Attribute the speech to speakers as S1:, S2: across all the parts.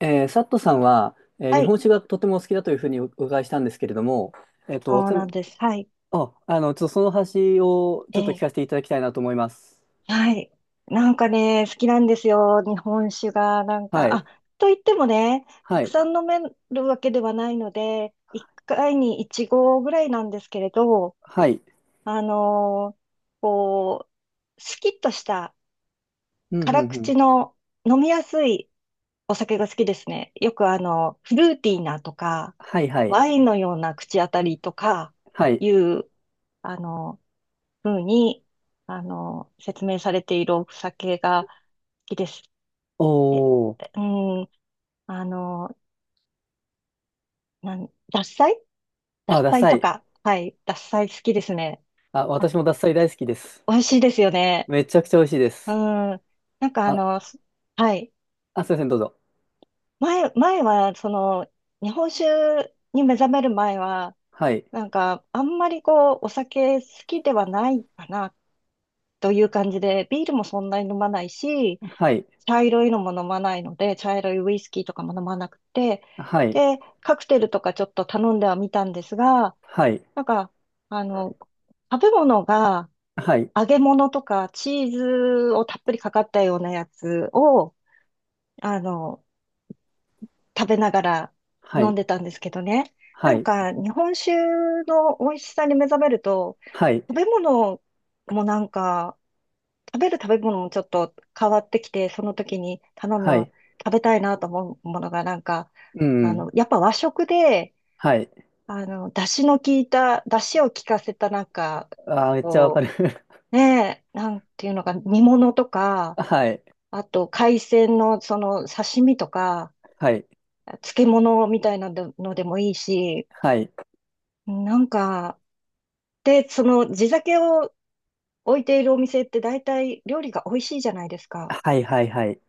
S1: サットさんは、
S2: は
S1: 日
S2: い、
S1: 本史がとてもお好きだというふうにお伺いしたんですけれども、えっと、
S2: そう
S1: つ
S2: な
S1: ま
S2: んです。はい。
S1: あ、あの、ちょっとその話を
S2: え
S1: ちょっと聞
S2: え、
S1: かせていただきたいなと思います。
S2: はい。なんかね、好きなんですよ。日本酒が、なん
S1: は
S2: か、あ、
S1: い。
S2: と言ってもね、た
S1: は
S2: く
S1: い。
S2: さん飲めるわけではないので、1回に1合ぐらいなんですけれど、
S1: はい。
S2: あのーこう、スキッとした
S1: うん、う
S2: 辛
S1: ん、う
S2: 口
S1: ん。
S2: の飲みやすいお酒が好きですね。よくフルーティーなとか、
S1: はい、はい。
S2: ワインのような口当たりとか
S1: はい。
S2: いう、あの、ふうに、説明されているお酒が好きですっ
S1: おー。
S2: うん、あの、なん、獺祭
S1: あ、
S2: 獺
S1: ダ
S2: 祭
S1: サ
S2: と
S1: い。
S2: か。はい、獺祭好きですね。
S1: あ、
S2: あ、
S1: 私もダサい大好きです。
S2: 美味しいですよね。
S1: めちゃくちゃ美味しいで
S2: うん。
S1: す。
S2: なんか
S1: あ、
S2: はい。
S1: あ、すいません、どうぞ。
S2: 前は、その、日本酒に目覚める前は、
S1: はい。
S2: なんか、あんまりこう、お酒好きではないかな、という感じで、ビールもそんなに飲まないし、
S1: はい。
S2: 茶色いのも飲まないので、茶色いウイスキーとかも飲まなくて、
S1: はい。
S2: で、カクテルとかちょっと頼んではみたんですが、
S1: はい。
S2: なんか、あの、食べ物が
S1: はい。
S2: 揚げ物とかチーズをたっぷりかかったようなやつを、あの、食べながら
S1: は
S2: 飲ん
S1: い。
S2: でたんですけどね。な
S1: は
S2: ん
S1: い。
S2: か、日本酒の美味しさに目覚めると、
S1: はい。
S2: 食べ物もなんか、食べる食べ物もちょっと変わってきて、その時に頼
S1: は
S2: む、
S1: い。
S2: 食べたいなと思うものがなんか、
S1: うん。
S2: やっぱ和食で、
S1: はい。
S2: 出汁の効いた、出汁を効かせたなんか、
S1: あー、めっちゃわか
S2: こ
S1: る。
S2: う、ねえ、なんていうのか、煮物とか、
S1: はい。
S2: あと海鮮のその刺身とか、
S1: はい。
S2: 漬物みたいなのでもいいし、
S1: はい。
S2: なんか、で、その地酒を置いているお店って大体料理が美味しいじゃないですか。
S1: はいはいはい。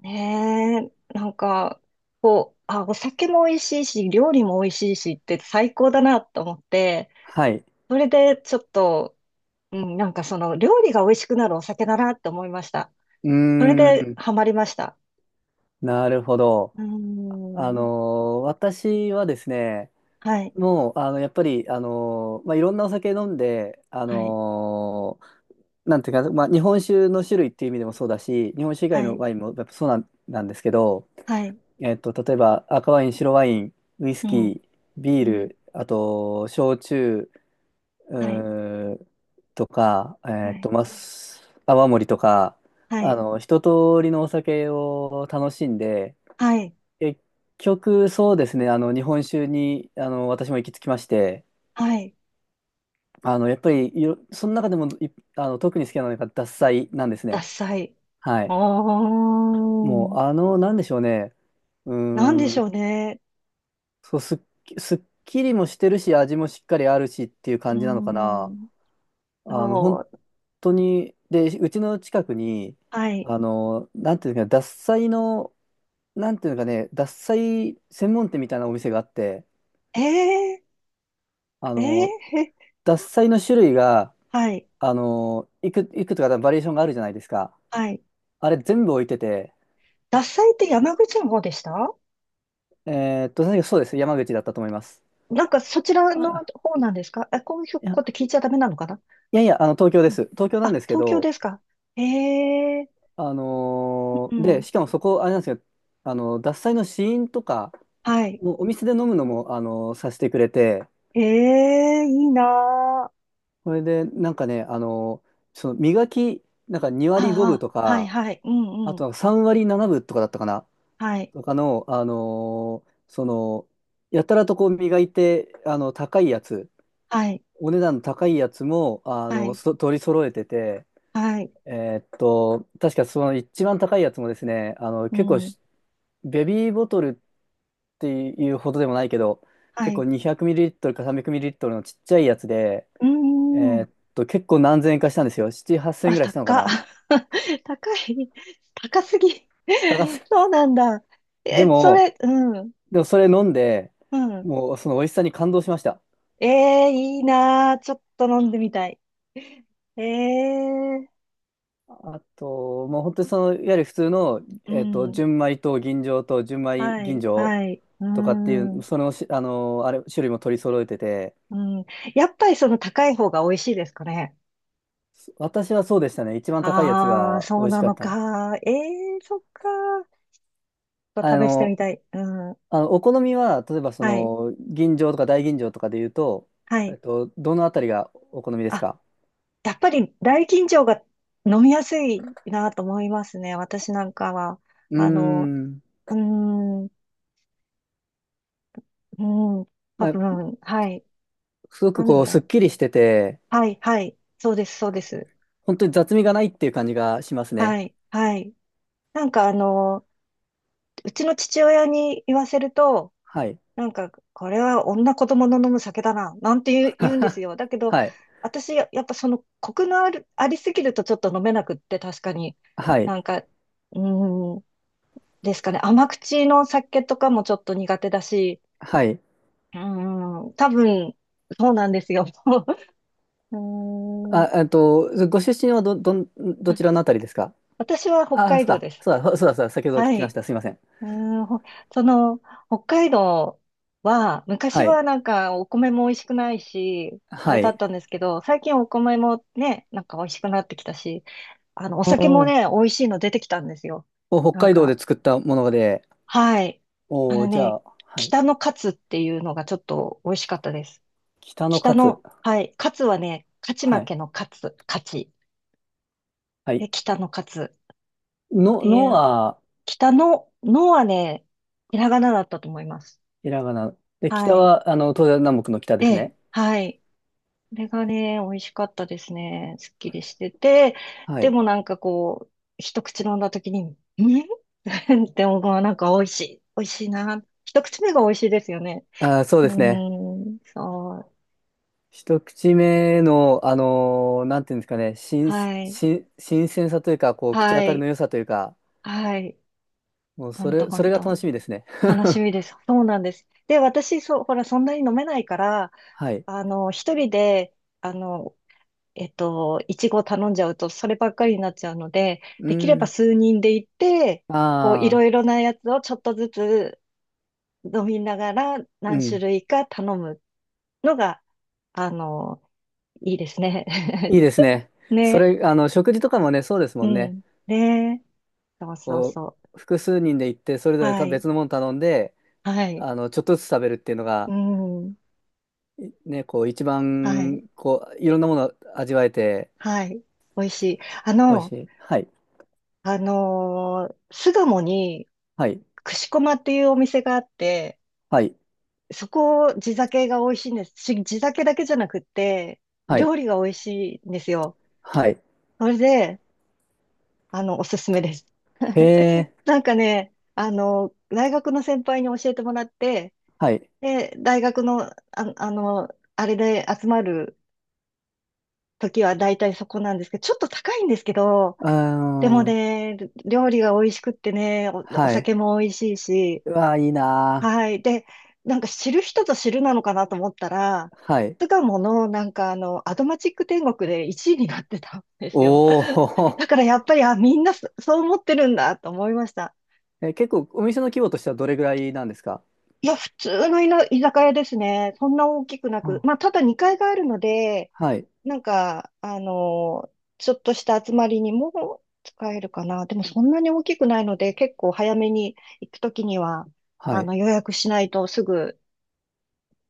S2: ねえ、なんか、こう、あ、お酒も美味しいし、料理も美味しいしって最高だなと思って、
S1: はい。
S2: それでちょっと、うん、なんかその料理が美味しくなるお酒だなって思いました。
S1: うー
S2: それで
S1: ん。
S2: ハマりました。
S1: なるほど。
S2: うー
S1: あの
S2: ん、
S1: 私はですね、
S2: はい、
S1: もう、あの、やっぱり、まあ、いろんなお酒飲んで、
S2: はい、
S1: なんていうか、まあ、日本酒の種類っていう意味でもそうだし、日本酒以外
S2: は
S1: の
S2: い、
S1: ワインもやっぱそうなん、なんですけど、
S2: はい、
S1: えっと、例えば赤ワイン、白ワイン、ウイス
S2: う
S1: キ
S2: ん、
S1: ー、ビー
S2: うん、
S1: ル、あと、焼酎、う
S2: はい、
S1: ーとか、
S2: はい、
S1: ます泡盛とか、
S2: は
S1: あ
S2: い、
S1: の、一通りのお酒を楽しんで、
S2: はい、
S1: 結局そうですね、あの、日本酒に、あの、私も行き着きまして、
S2: はい、
S1: あの、やっぱりいろ、その中でもい、あの、特に好きなのが獺祭なんです
S2: ダ
S1: ね。
S2: サい。
S1: は
S2: お
S1: い。も
S2: ー
S1: う、
S2: ん、
S1: あの、なんでしょうね。うー
S2: なんでしょ
S1: ん、
S2: うね。
S1: そう、すっき、すっきりもしてるし、味もしっかりあるしっていう
S2: うー
S1: 感じなのかな。
S2: ん、
S1: あの、
S2: そ
S1: 本
S2: う、
S1: 当に、で、うちの近くに、
S2: はい。
S1: あの、なんていうのかな、獺祭の、なんていうのかね、獺祭専門店みたいなお店があって、
S2: ええ
S1: あ
S2: えー、
S1: の、
S2: へ
S1: 獺祭の種類が、
S2: はい、
S1: あの、いく、いくつかバリエーションがあるじゃないですか。
S2: はい。
S1: あれ全部置いてて、
S2: 獺祭って山口の方でした？
S1: えーっと、確かそうです。山口だったと思います。
S2: なんかそちらの
S1: あ、
S2: 方なんですかあ？こういう
S1: いや、
S2: こと聞いちゃダメなのかな？
S1: いやいや、あの、東京で
S2: うん。
S1: す。東京
S2: あ、
S1: なんですけ
S2: 東京
S1: ど、
S2: ですか？ええ。う
S1: で、
S2: ん。
S1: しかもそこ、あれなんですよ、あの、獺祭の試飲とか、
S2: はい。
S1: もうお店で飲むのも、あの、させてくれて、
S2: ええいいなあ。
S1: それで、なんかね、あの、その磨き、なんか2割5分
S2: あ
S1: と
S2: あ、はい、
S1: か、
S2: はい。う
S1: あ
S2: んうん。
S1: とは3割7分とかだったかな、
S2: はい、
S1: とかの、あのその、やたらとこう磨いて、あの、高いやつ、
S2: はい、
S1: お値段の高いやつも、あ
S2: は
S1: の、
S2: い、
S1: そ取り揃えてて、
S2: はい。
S1: えーっと、確かその一番高いやつもですね、あの、
S2: う
S1: 結構
S2: ん、
S1: し、ベビーボトルっていうほどでもないけど、
S2: は
S1: 結構
S2: い。
S1: 200ml か 300ml のちっちゃいやつで、
S2: うんう
S1: え
S2: ん。
S1: ーっと、結構何千円かしたんですよ。7、8000円
S2: あ、
S1: ぐらいしたのか
S2: 高っ。
S1: な。
S2: 高い。高すぎ。
S1: 高す
S2: そうなんだ。
S1: で
S2: え、そ
S1: も、
S2: れ、うん、
S1: でもそれ飲んで、
S2: うん。
S1: もうその美味しさに感動しました。
S2: ええいいなー。ちょっと飲んでみたい。ええ、
S1: あと、もう本当にその、いわゆる普通の、
S2: う
S1: えっと、
S2: ん。
S1: 純米と吟醸と純米
S2: は
S1: 吟
S2: い、
S1: 醸
S2: はい。う
S1: とかっていう、
S2: ん、
S1: そのし、あの、あれ、種類も取り揃えてて、
S2: うん。やっぱりその高い方が美味しいですかね？
S1: 私はそうでしたね。一番高いやつ
S2: ああ、
S1: が
S2: そ
S1: 美
S2: う
S1: 味し
S2: な
S1: か
S2: の
S1: った。
S2: か。ええ、そっか。ちょっ
S1: あ
S2: と試してみ
S1: の、
S2: たい。うん。
S1: あのお好みは、例えばそ
S2: はい、
S1: の、吟醸とか大吟醸とかで言うと、
S2: は
S1: え
S2: い。
S1: っと、どのあたりがお好みです
S2: あ、
S1: か？
S2: やっぱり大吟醸が飲みやすいなと思いますね。私なんかは。
S1: うー
S2: あの、
S1: ん。
S2: うーん、うん。多
S1: まあ
S2: 分、はい。
S1: すごく
S2: なん
S1: こ
S2: だ
S1: う、すっ
S2: ろ
S1: き
S2: う。
S1: りしてて、
S2: はい、はい。そうです、そうです。
S1: 本当に雑味がないっていう感じがしますね。
S2: はい、はい。なんかうちの父親に言わせると、
S1: はい。
S2: なんか、これは女子供の飲む酒だな、なんて言う、言うんです よ。だけど、
S1: はい。
S2: 私、ややっぱその、コクのある、ありすぎるとちょっと飲めなくって、確かに。
S1: はい。
S2: なんか、ーん、ですかね。甘口の酒とかもちょっと苦手だし、
S1: はい。
S2: 多分、そうなんですよ。うーん、
S1: あ、えっと、ご出身はど、どん、ど
S2: あ、
S1: ちらのあたりですか？
S2: 私は北
S1: ああ、そ
S2: 海
S1: う
S2: 道
S1: か。
S2: です。
S1: そうだ、そうだ、そうだ、先ほど
S2: は
S1: 聞きまし
S2: い。
S1: た。すいません。
S2: うーん、ほその、北海道は、昔
S1: はい。
S2: はなんかお米も美味しくないし、あれ
S1: は
S2: だっ
S1: い。
S2: たんですけど、最近お米もね、なんか美味しくなってきたし、お
S1: お
S2: 酒も
S1: ー
S2: ね、美味しいの出てきたんですよ。
S1: お、北
S2: なん
S1: 海道で
S2: か、
S1: 作ったもので、
S2: はい。あ
S1: お
S2: の
S1: お、じゃ
S2: ね、
S1: あ、はい。
S2: 北のカツっていうのがちょっと美味しかったです。
S1: 北の
S2: 北
S1: カツ。
S2: の、はい。カツはね、勝ち
S1: は
S2: 負
S1: い。
S2: けのカツ、勝ち。
S1: は
S2: で、
S1: い。
S2: 北のカツっ
S1: の、
S2: て
S1: の
S2: いう、
S1: は、
S2: 北の、のはね、ひらがなだったと思います。
S1: ひらがな。で、
S2: は
S1: 北
S2: い。
S1: は、あの、東西南北の北で
S2: え
S1: す
S2: え、
S1: ね。
S2: はい。これがね、美味しかったですね。すっきりしてて、
S1: は
S2: で
S1: い。
S2: もなんかこう、一口飲んだ時に、ん って思うなんか美味しい。美味しいな。一口目が美味しいですよね。
S1: あー、そう
S2: う
S1: ですね。
S2: ーん、そう。
S1: 一口目の、なんていうんですかね、新、
S2: はい。
S1: 新、新鮮さというか、こう、口
S2: は
S1: 当たりの
S2: い。
S1: 良さというか、
S2: はい。
S1: もう、
S2: ほ
S1: そ
S2: んと
S1: れ、
S2: ほ
S1: そ
S2: ん
S1: れが楽
S2: と。
S1: しみですね。
S2: 楽し みです。そうなんです。で、私、そう、ほら、そんなに飲めないから、
S1: はい。
S2: 一人で、あの、いちご頼んじゃうと、そればっかりになっちゃうので、
S1: う
S2: できれば
S1: ん。
S2: 数人で行って、こう、い
S1: あ
S2: ろ
S1: あ、
S2: いろなやつをちょっとずつ飲みながら
S1: う
S2: 何種
S1: ん。
S2: 類か頼むのが、あの、いいですね。
S1: いい ですね。そ
S2: ね。
S1: れ、あの、食事とかもね、そうです
S2: う
S1: もんね。
S2: ん。ね。そうそう
S1: こ
S2: そ
S1: う、複数人で行って、それ
S2: う。
S1: ぞれ
S2: は
S1: た
S2: い。
S1: 別のもの頼んで、
S2: はい。
S1: あの、ちょっとずつ食べるっていうの
S2: う
S1: が、
S2: ん。
S1: いね、こう、一
S2: はい。
S1: 番、こう、いろんなもの味わえて、
S2: はい。美味しい。
S1: 美味しい。はい。
S2: 巣鴨に、
S1: はい。
S2: 串駒っていうお店があって、
S1: はい。
S2: そこ、地酒が美味しいんです。地酒だけじゃなくって、
S1: はい。
S2: 料理が美味しいんですよ。
S1: はい。
S2: それで、おすすめです。
S1: へ え。
S2: なんかね、大学の先輩に教えてもらって、
S1: はい。
S2: で、大学の、あの、あれで集まる時は大体そこなんですけど、ちょっと高いんですけど、
S1: うー
S2: でも
S1: ん。
S2: ね、料理が美味しくってね、お、お
S1: はい。
S2: 酒も美味しいし、
S1: うわ、いいな
S2: はい。で、なんか知る人ぞ知るなのかなと思ったら、
S1: ー。はい。
S2: 巣鴨のなんかアドマチック天国で1位になってたんですよ。
S1: お お。
S2: だからやっぱり、あ、みんなそう思ってるんだと思いました。
S1: え、結構お店の規模としてはどれぐらいなんですか？
S2: いや、普通の居酒屋ですね。そんな大きくな
S1: う
S2: く。
S1: ん。
S2: まあ、ただ2階があるので、
S1: はい。
S2: なんか、ちょっとした集まりにも使えるかな。でもそんなに大きくないので、結構早めに行くときには、
S1: はい。
S2: 予約しないとすぐ、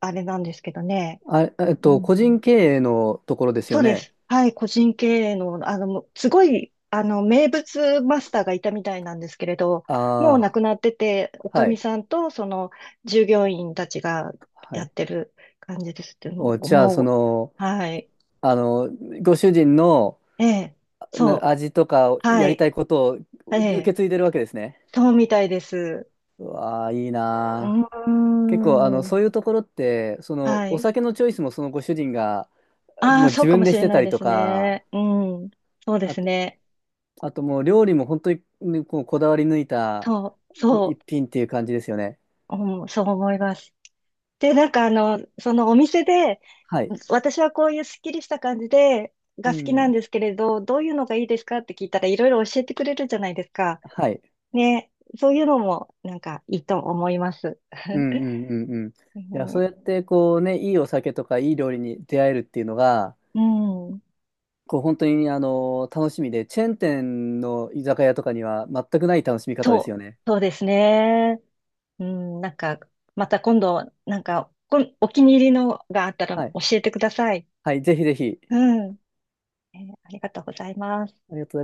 S2: あれなんですけどね。
S1: あ、えっ
S2: う
S1: と、
S2: ん。
S1: 個人経営のところです
S2: そ
S1: よ
S2: うで
S1: ね。
S2: す。はい、個人経営の、もうすごい、名物マスターがいたみたいなんですけれど、もう亡
S1: あ
S2: くなってて、お
S1: あ、
S2: か
S1: は
S2: み
S1: い。
S2: さんと、その、従業員たちが
S1: は
S2: やっ
S1: い。
S2: てる感じですって
S1: お、じゃあ、そ
S2: も
S1: の、
S2: う、はい、
S1: あの、ご主人の
S2: ええ、
S1: な
S2: そ
S1: 味とか
S2: う、は
S1: やり
S2: い、
S1: たいことを
S2: え
S1: 受
S2: え、
S1: け継いでるわけですね。
S2: そうみたいです。
S1: うわー、いい
S2: う
S1: な
S2: ー
S1: 結構、あの、
S2: ん、
S1: そういうところって、その、
S2: は
S1: お
S2: い。
S1: 酒のチョイスもそのご主人が、
S2: あ
S1: も
S2: あ、
S1: う
S2: そ
S1: 自
S2: うかも
S1: 分で
S2: し
S1: し
S2: れ
S1: て
S2: な
S1: た
S2: い
S1: り
S2: で
S1: と
S2: す
S1: か、
S2: ね。うん、そうで
S1: あ
S2: す
S1: と、
S2: ね。
S1: あともう料理も本当にこうこだわり抜いた
S2: そう、そ
S1: 一品っていう感じですよね。
S2: う、うん、そう思います。で、なんかそのお店で、
S1: はい。
S2: 私はこういうすっきりした感じで、が
S1: う
S2: 好きなん
S1: ん。
S2: ですけれど、どういうのがいいですかって聞いたらいろいろ教えてくれるじゃないですか。
S1: はい。
S2: ね、そういうのもなんかいいと思います。
S1: うん うんうんうん。いや、そう
S2: ね、
S1: やってこうね、いいお酒とかいい料理に出会えるっていうのが、
S2: うん、
S1: こう本当にあの、楽しみで、チェーン店の居酒屋とかには全くない楽しみ方です
S2: そう、
S1: よね。
S2: そうですね。うん、なんか、また今度、なんか、お気に入りのがあったら
S1: は
S2: 教
S1: い。
S2: えてください。
S1: はい、ぜひぜひ。
S2: うん、ありがとうございま
S1: ありがとうござ
S2: す。
S1: います。